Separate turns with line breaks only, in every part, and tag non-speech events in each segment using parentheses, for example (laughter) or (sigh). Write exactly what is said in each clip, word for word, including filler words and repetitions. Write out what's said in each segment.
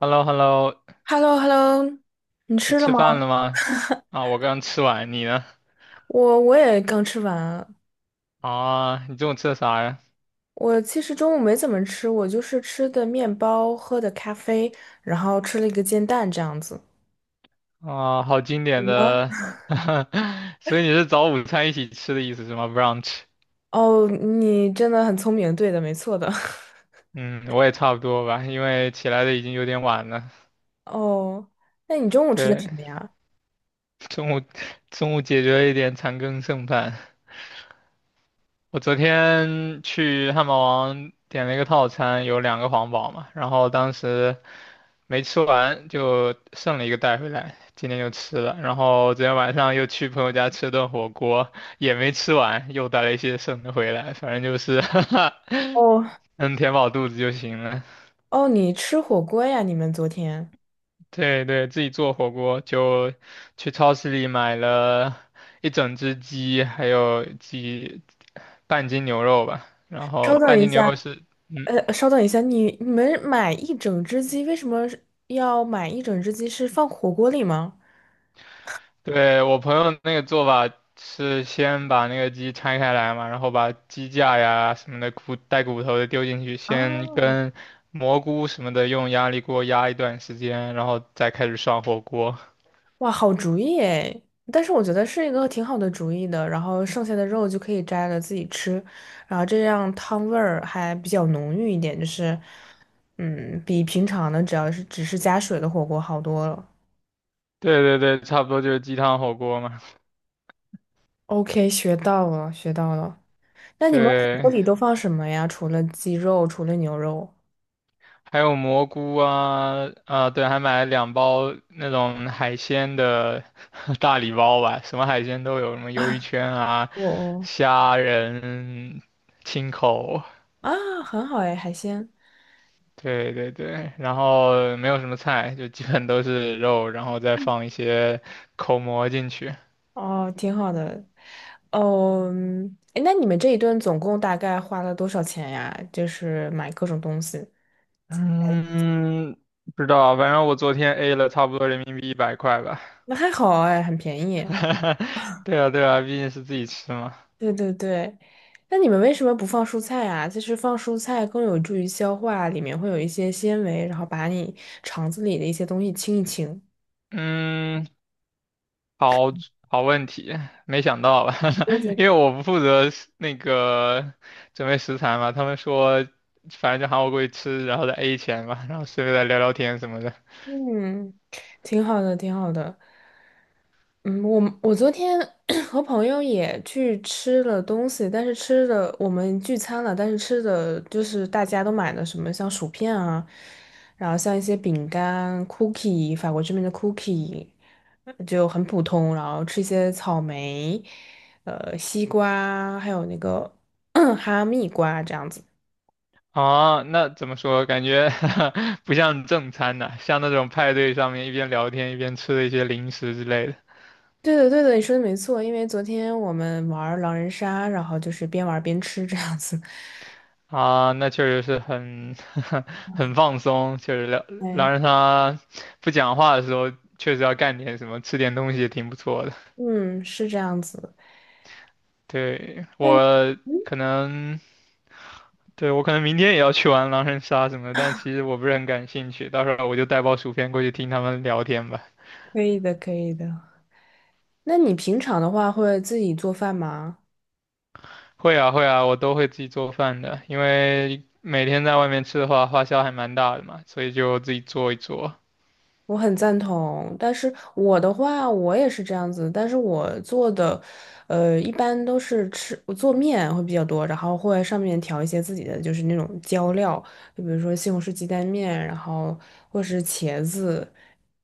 h e l l o h e l l o
h e l l o h e l l o 你
你
吃了
吃
吗？
饭了吗？啊，我刚吃完，你呢？
我我也刚吃完啊。
啊，你中午吃的啥呀？
我其实中午没怎么吃，我就是吃的面包，喝的咖啡，然后吃了一个煎蛋这样子。
啊，好经
你
典
呢？
的，(laughs) 所以你是早午餐一起吃的意思是吗？brunch。
哦，你真的很聪明，对的，没错的。(laughs)
嗯，我也差不多吧，因为起来的已经有点晚了。
哦，那你中午吃的什
对，
么呀？
中午中午解决了一点残羹剩饭。我昨天去汉堡王点了一个套餐，有两个皇堡嘛，然后当时没吃完就剩了一个带回来，今天就吃了。然后昨天晚上又去朋友家吃了顿火锅，也没吃完，又带了一些剩的回来。反正就是 (laughs) 哈哈，
哦
能填饱肚子就行了。
哦，你吃火锅呀？你们昨天？
对对，自己做火锅就去超市里买了一整只鸡，还有几半斤牛肉吧。然后
稍等
半
一
斤牛
下，
肉是，嗯。
呃，稍等一下，你你们买一整只鸡，为什么是要买一整只鸡？是放火锅里吗？
对，我朋友那个做法是先把那个鸡拆开来嘛，然后把鸡架呀什么的骨带骨头的丢进去，
啊，
先跟蘑菇什么的用压力锅压一段时间，然后再开始涮火锅。
哇，好主意诶！但是我觉得是一个挺好的主意的，然后剩下的肉就可以摘了自己吃，然后这样汤味儿还比较浓郁一点，就是，嗯，比平常的只要是只是加水的火锅好多了。
(laughs) 对对对，差不多就是鸡汤火锅嘛。
OK，学到了，学到了。那你们火锅
对，
里都放什么呀？除了鸡肉，除了牛肉？
还有蘑菇啊，啊对，还买了两包那种海鲜的 (laughs) 大礼包吧，什么海鲜都有，什么鱿鱼圈啊、
我哦，
虾仁、青口。
啊，很好诶，海鲜。
对对对，然后没有什么菜，就基本都是肉，然后再放一些口蘑进去。
哦，挺好的。嗯，诶那你们这一顿总共大概花了多少钱呀？就是买各种东西，
嗯，不知道啊，反正我昨天 A 了差不多人民币一百块吧。
那还好哎，很便宜。
(laughs) 对啊对啊，毕竟是自己吃嘛。
对对对，那你们为什么不放蔬菜啊？就是放蔬菜更有助于消化，里面会有一些纤维，然后把你肠子里的一些东西清一清。
嗯，好好问题，没想到吧？
对
(laughs) 因
对
为我不负责食那个准备食材嘛，他们说反正就喊我过去吃，然后再 A 钱嘛，然后顺便再聊聊天什么的。
嗯，挺好的，挺好的。嗯，我我昨天 (clears throat) 和朋友也去吃了东西，但是吃的我们聚餐了，但是吃的就是大家都买的什么像薯片啊，然后像一些饼干、cookie，法国这边的 cookie 呃就很普通，然后吃一些草莓、呃西瓜，还有那个 (clears throat) 哈密瓜这样子。
啊，那怎么说？感觉 (laughs) 不像正餐呐、像那种派对上面一边聊天一边吃的一些零食之类的。
对的，对的，你说的没错，因为昨天我们玩狼人杀，然后就是边玩边吃这样子。
啊，那确实是很 (laughs) 很放松，确实聊
哎，
狼人杀不讲话的时候，确实要干点什么，吃点东西也挺不错的。
嗯，是这样子。
对，
那
我
你嗯，
可能，对，我可能明天也要去玩狼人杀什么的，但其实我不是很感兴趣，到时候我就带包薯片过去听他们聊天吧。
可以的，可以的。那你平常的话会自己做饭吗？
会啊会啊，我都会自己做饭的，因为每天在外面吃的话，花销还蛮大的嘛，所以就自己做一做。
我很赞同，但是我的话，我也是这样子，但是我做的，呃，一般都是吃，我做面会比较多，然后会上面调一些自己的，就是那种浇料，就比如说西红柿鸡蛋面，然后或是茄子，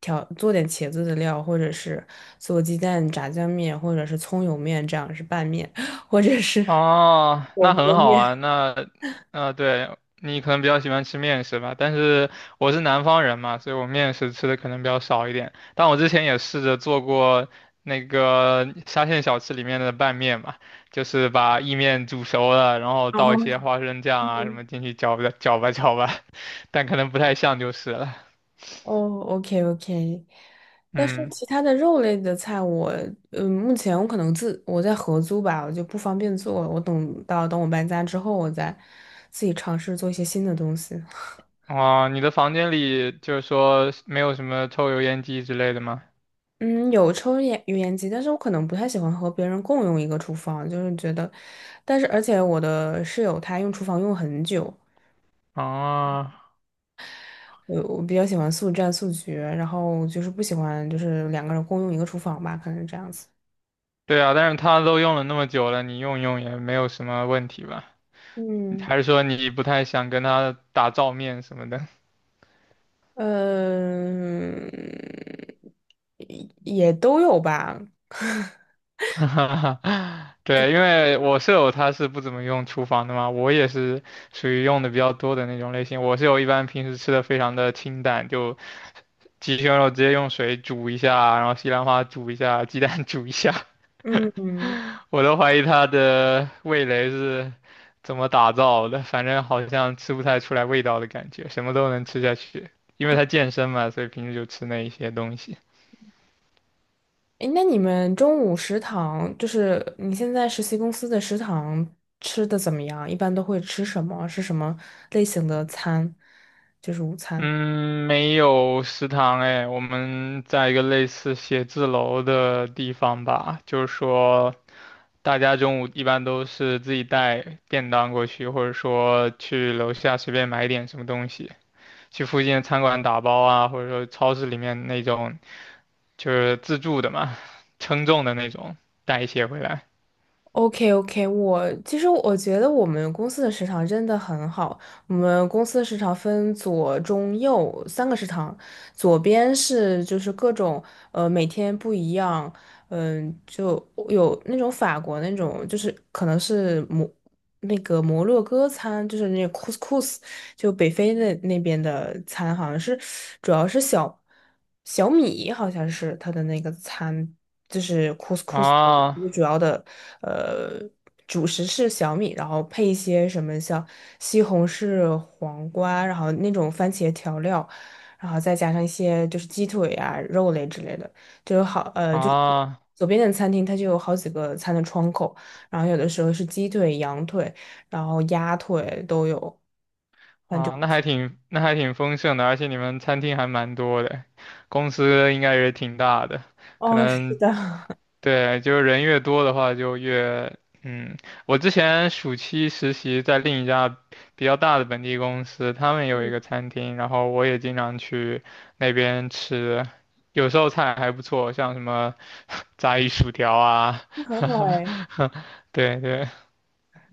调，做点茄子的料，或者是做鸡蛋炸酱面，或者是葱油面，这样是拌面，或者是
哦，
火
那很
锅
好
面。
啊，
(laughs)
那，啊，对，你可能比较喜欢吃面食吧，但是我是南方人嘛，所以我面食吃的可能比较少一点。但我之前也试着做过那个沙县小吃里面的拌面嘛，就是把意面煮熟了，然后
然
倒
后。
一些花生酱啊什么进去搅吧搅吧搅吧，(laughs) 但可能不太像就是了。
哦，OK OK，但是
嗯。
其他的肉类的菜我，嗯，目前我可能自我在合租吧，我就不方便做。我等到等我搬家之后，我再自己尝试做一些新的东西。(laughs)
哦，你的房间里就是说没有什么抽油烟机之类的吗？
嗯，有抽烟油烟机，但是我可能不太喜欢和别人共用一个厨房，就是觉得，但是而且我的室友他用厨房用很久，
啊，
我我比较喜欢速战速决，然后就是不喜欢就是两个人共用一个厨房吧，可能是这样子。
对啊，但是他都用了那么久了，你用用也没有什么问题吧？
嗯。
还是说你不太想跟他打照面什么的？(laughs)
嗯，也也都有吧。
哈哈哈，对，因为我舍友他是不怎么用厨房的嘛，我也是属于用的比较多的那种类型。我舍友一般平时吃的非常的清淡，就鸡胸肉直接用水煮一下，然后西兰花煮一下，鸡蛋煮一下，
嗯，
(laughs) 我都怀疑他的味蕾是怎么打造的，反正好像吃不太出来味道的感觉，什么都能吃下去，因为他健身嘛，所以平时就吃那一些东西。
诶，那你们中午食堂，就是你现在实习公司的食堂吃的怎么样？一般都会吃什么？是什么类型的餐？就是午餐。
嗯，没有食堂哎，我们在一个类似写字楼的地方吧，就是说，大家中午一般都是自己带便当过去，或者说去楼下随便买点什么东西，去附近的餐馆打包啊，或者说超市里面那种就是自助的嘛，称重的那种，带一些回来。
OK OK，我其实我觉得我们公司的食堂真的很好。我们公司的食堂分左、中、右三个食堂，左边是就是各种呃每天不一样，嗯、就有那种法国那种，就是可能是摩那个摩洛哥餐，就是那 couscous，就北非的那边的餐好像是主要是小小米，好像是它的那个餐，就是 couscous 的一
啊
个主要的呃主食是小米，然后配一些什么像西红柿、黄瓜，然后那种番茄调料，然后再加上一些就是鸡腿啊、肉类之类的，就有好呃就是
啊，
左边的餐厅它就有好几个餐的窗口，然后有的时候是鸡腿、羊腿。然后鸭腿都有。反正
啊，
不
那
错。
还挺那还挺丰盛的，而且你们餐厅还蛮多的，公司应该也挺大的，可
哦，是
能
的，
对，就是人越多的话就越嗯，我之前暑期实习在另一家比较大的本地公司，他们有一个餐厅，然后我也经常去那边吃，有时候菜还不错，像什么 (laughs) 炸鱼薯条啊，
(laughs) 很好哎。
(laughs) 对对，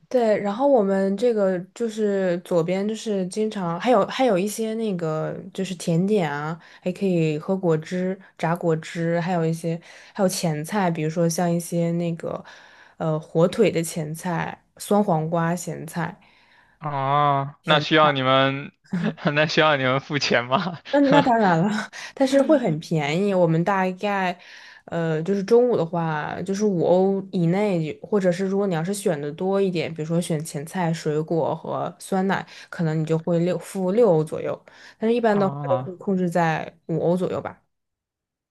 对，然后我们这个就是左边就是经常还有还有一些那个就是甜点啊，还可以喝果汁、榨果汁，还有一些还有前菜，比如说像一些那个呃火腿的前菜、酸黄瓜咸菜。
啊，那需要你们，(laughs) 那需要你们付钱吗？
那那当然了，(laughs) 但是会很便宜。我们大概，呃，就是中午的话，就是五欧以内，或者是如果你要是选的多一点，比如说选前菜、水果和酸奶，可能你就会六付六欧左右。但是一
(laughs)
般的话都会
啊，
控制在五欧左右吧。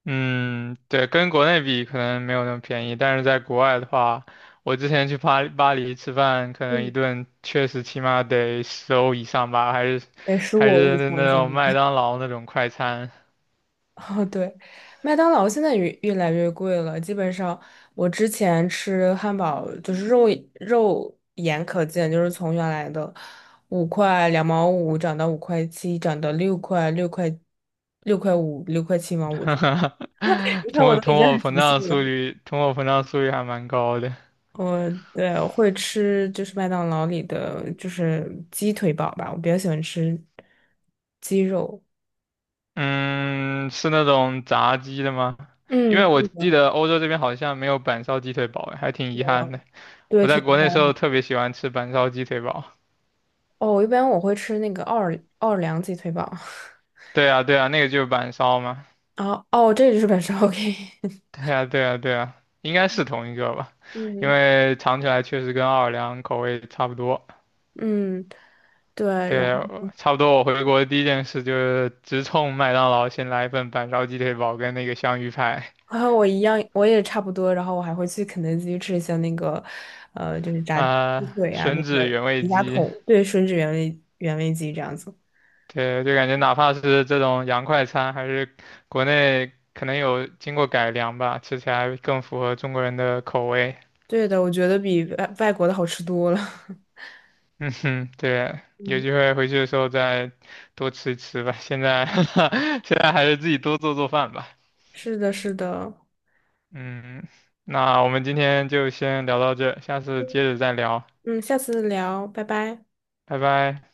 嗯，对，跟国内比可能没有那么便宜，但是在国外的话，我之前去巴巴黎吃饭，可能一
嗯，
顿确实起码得十欧以上吧，还是
得十五
还
欧以
是
上的
那
尽
种麦当劳那种快餐，
哦，对，麦当劳现在越越来越贵了。基本上，我之前吃汉堡就是肉肉眼可见，就是从原来的五块两毛五涨到五块七，涨到六块六块六块五，六块七毛五。(laughs) 你
(laughs)
看
通
我
货
都
通
已经
货
很
膨
熟悉
胀速
了。
率，通货膨胀速率还蛮高的。
我对我会吃就是麦当劳里的就是鸡腿堡吧，我比较喜欢吃鸡肉。
嗯，是那种炸鸡的吗？因
嗯，
为我记得欧洲这边好像没有板烧鸡腿堡，还挺遗憾的。
对，
我在
挺。
国内时候特别喜欢吃板烧鸡腿堡。
哦，一般我会吃那个奥尔奥尔良鸡腿堡。(laughs)
对啊，对啊，那个就是板烧嘛。
啊，哦，这就是本烧 OK。(laughs)
对啊，对啊，对啊，应该是同一个吧，因
嗯，
为尝起来确实跟奥尔良口味差不多。
嗯，对，然
对，
后
我差不多。我回国第一件事就是直冲麦当劳，先来一份板烧鸡腿堡跟那个香芋派
然后我一样，我也差不多，然后我还会去肯德基吃一下那个，呃，就是炸鸡
啊、
腿啊，那
吮指
个
原味
迪家
鸡。
桶，对，吮指原味原味鸡这样子。
对，就感觉哪怕是这种洋快餐，还是国内可能有经过改良吧，吃起来更符合中国人的口味。
对的，我觉得比外外国的好吃多了。(laughs)
嗯哼，对，有
嗯，
机会回去的时候再多吃一吃吧。现在 (laughs) 现在还是自己多做做饭吧。
是的，是的。
嗯，那我们今天就先聊到这，下次接着再聊，
嗯，下次聊，拜拜。
拜拜。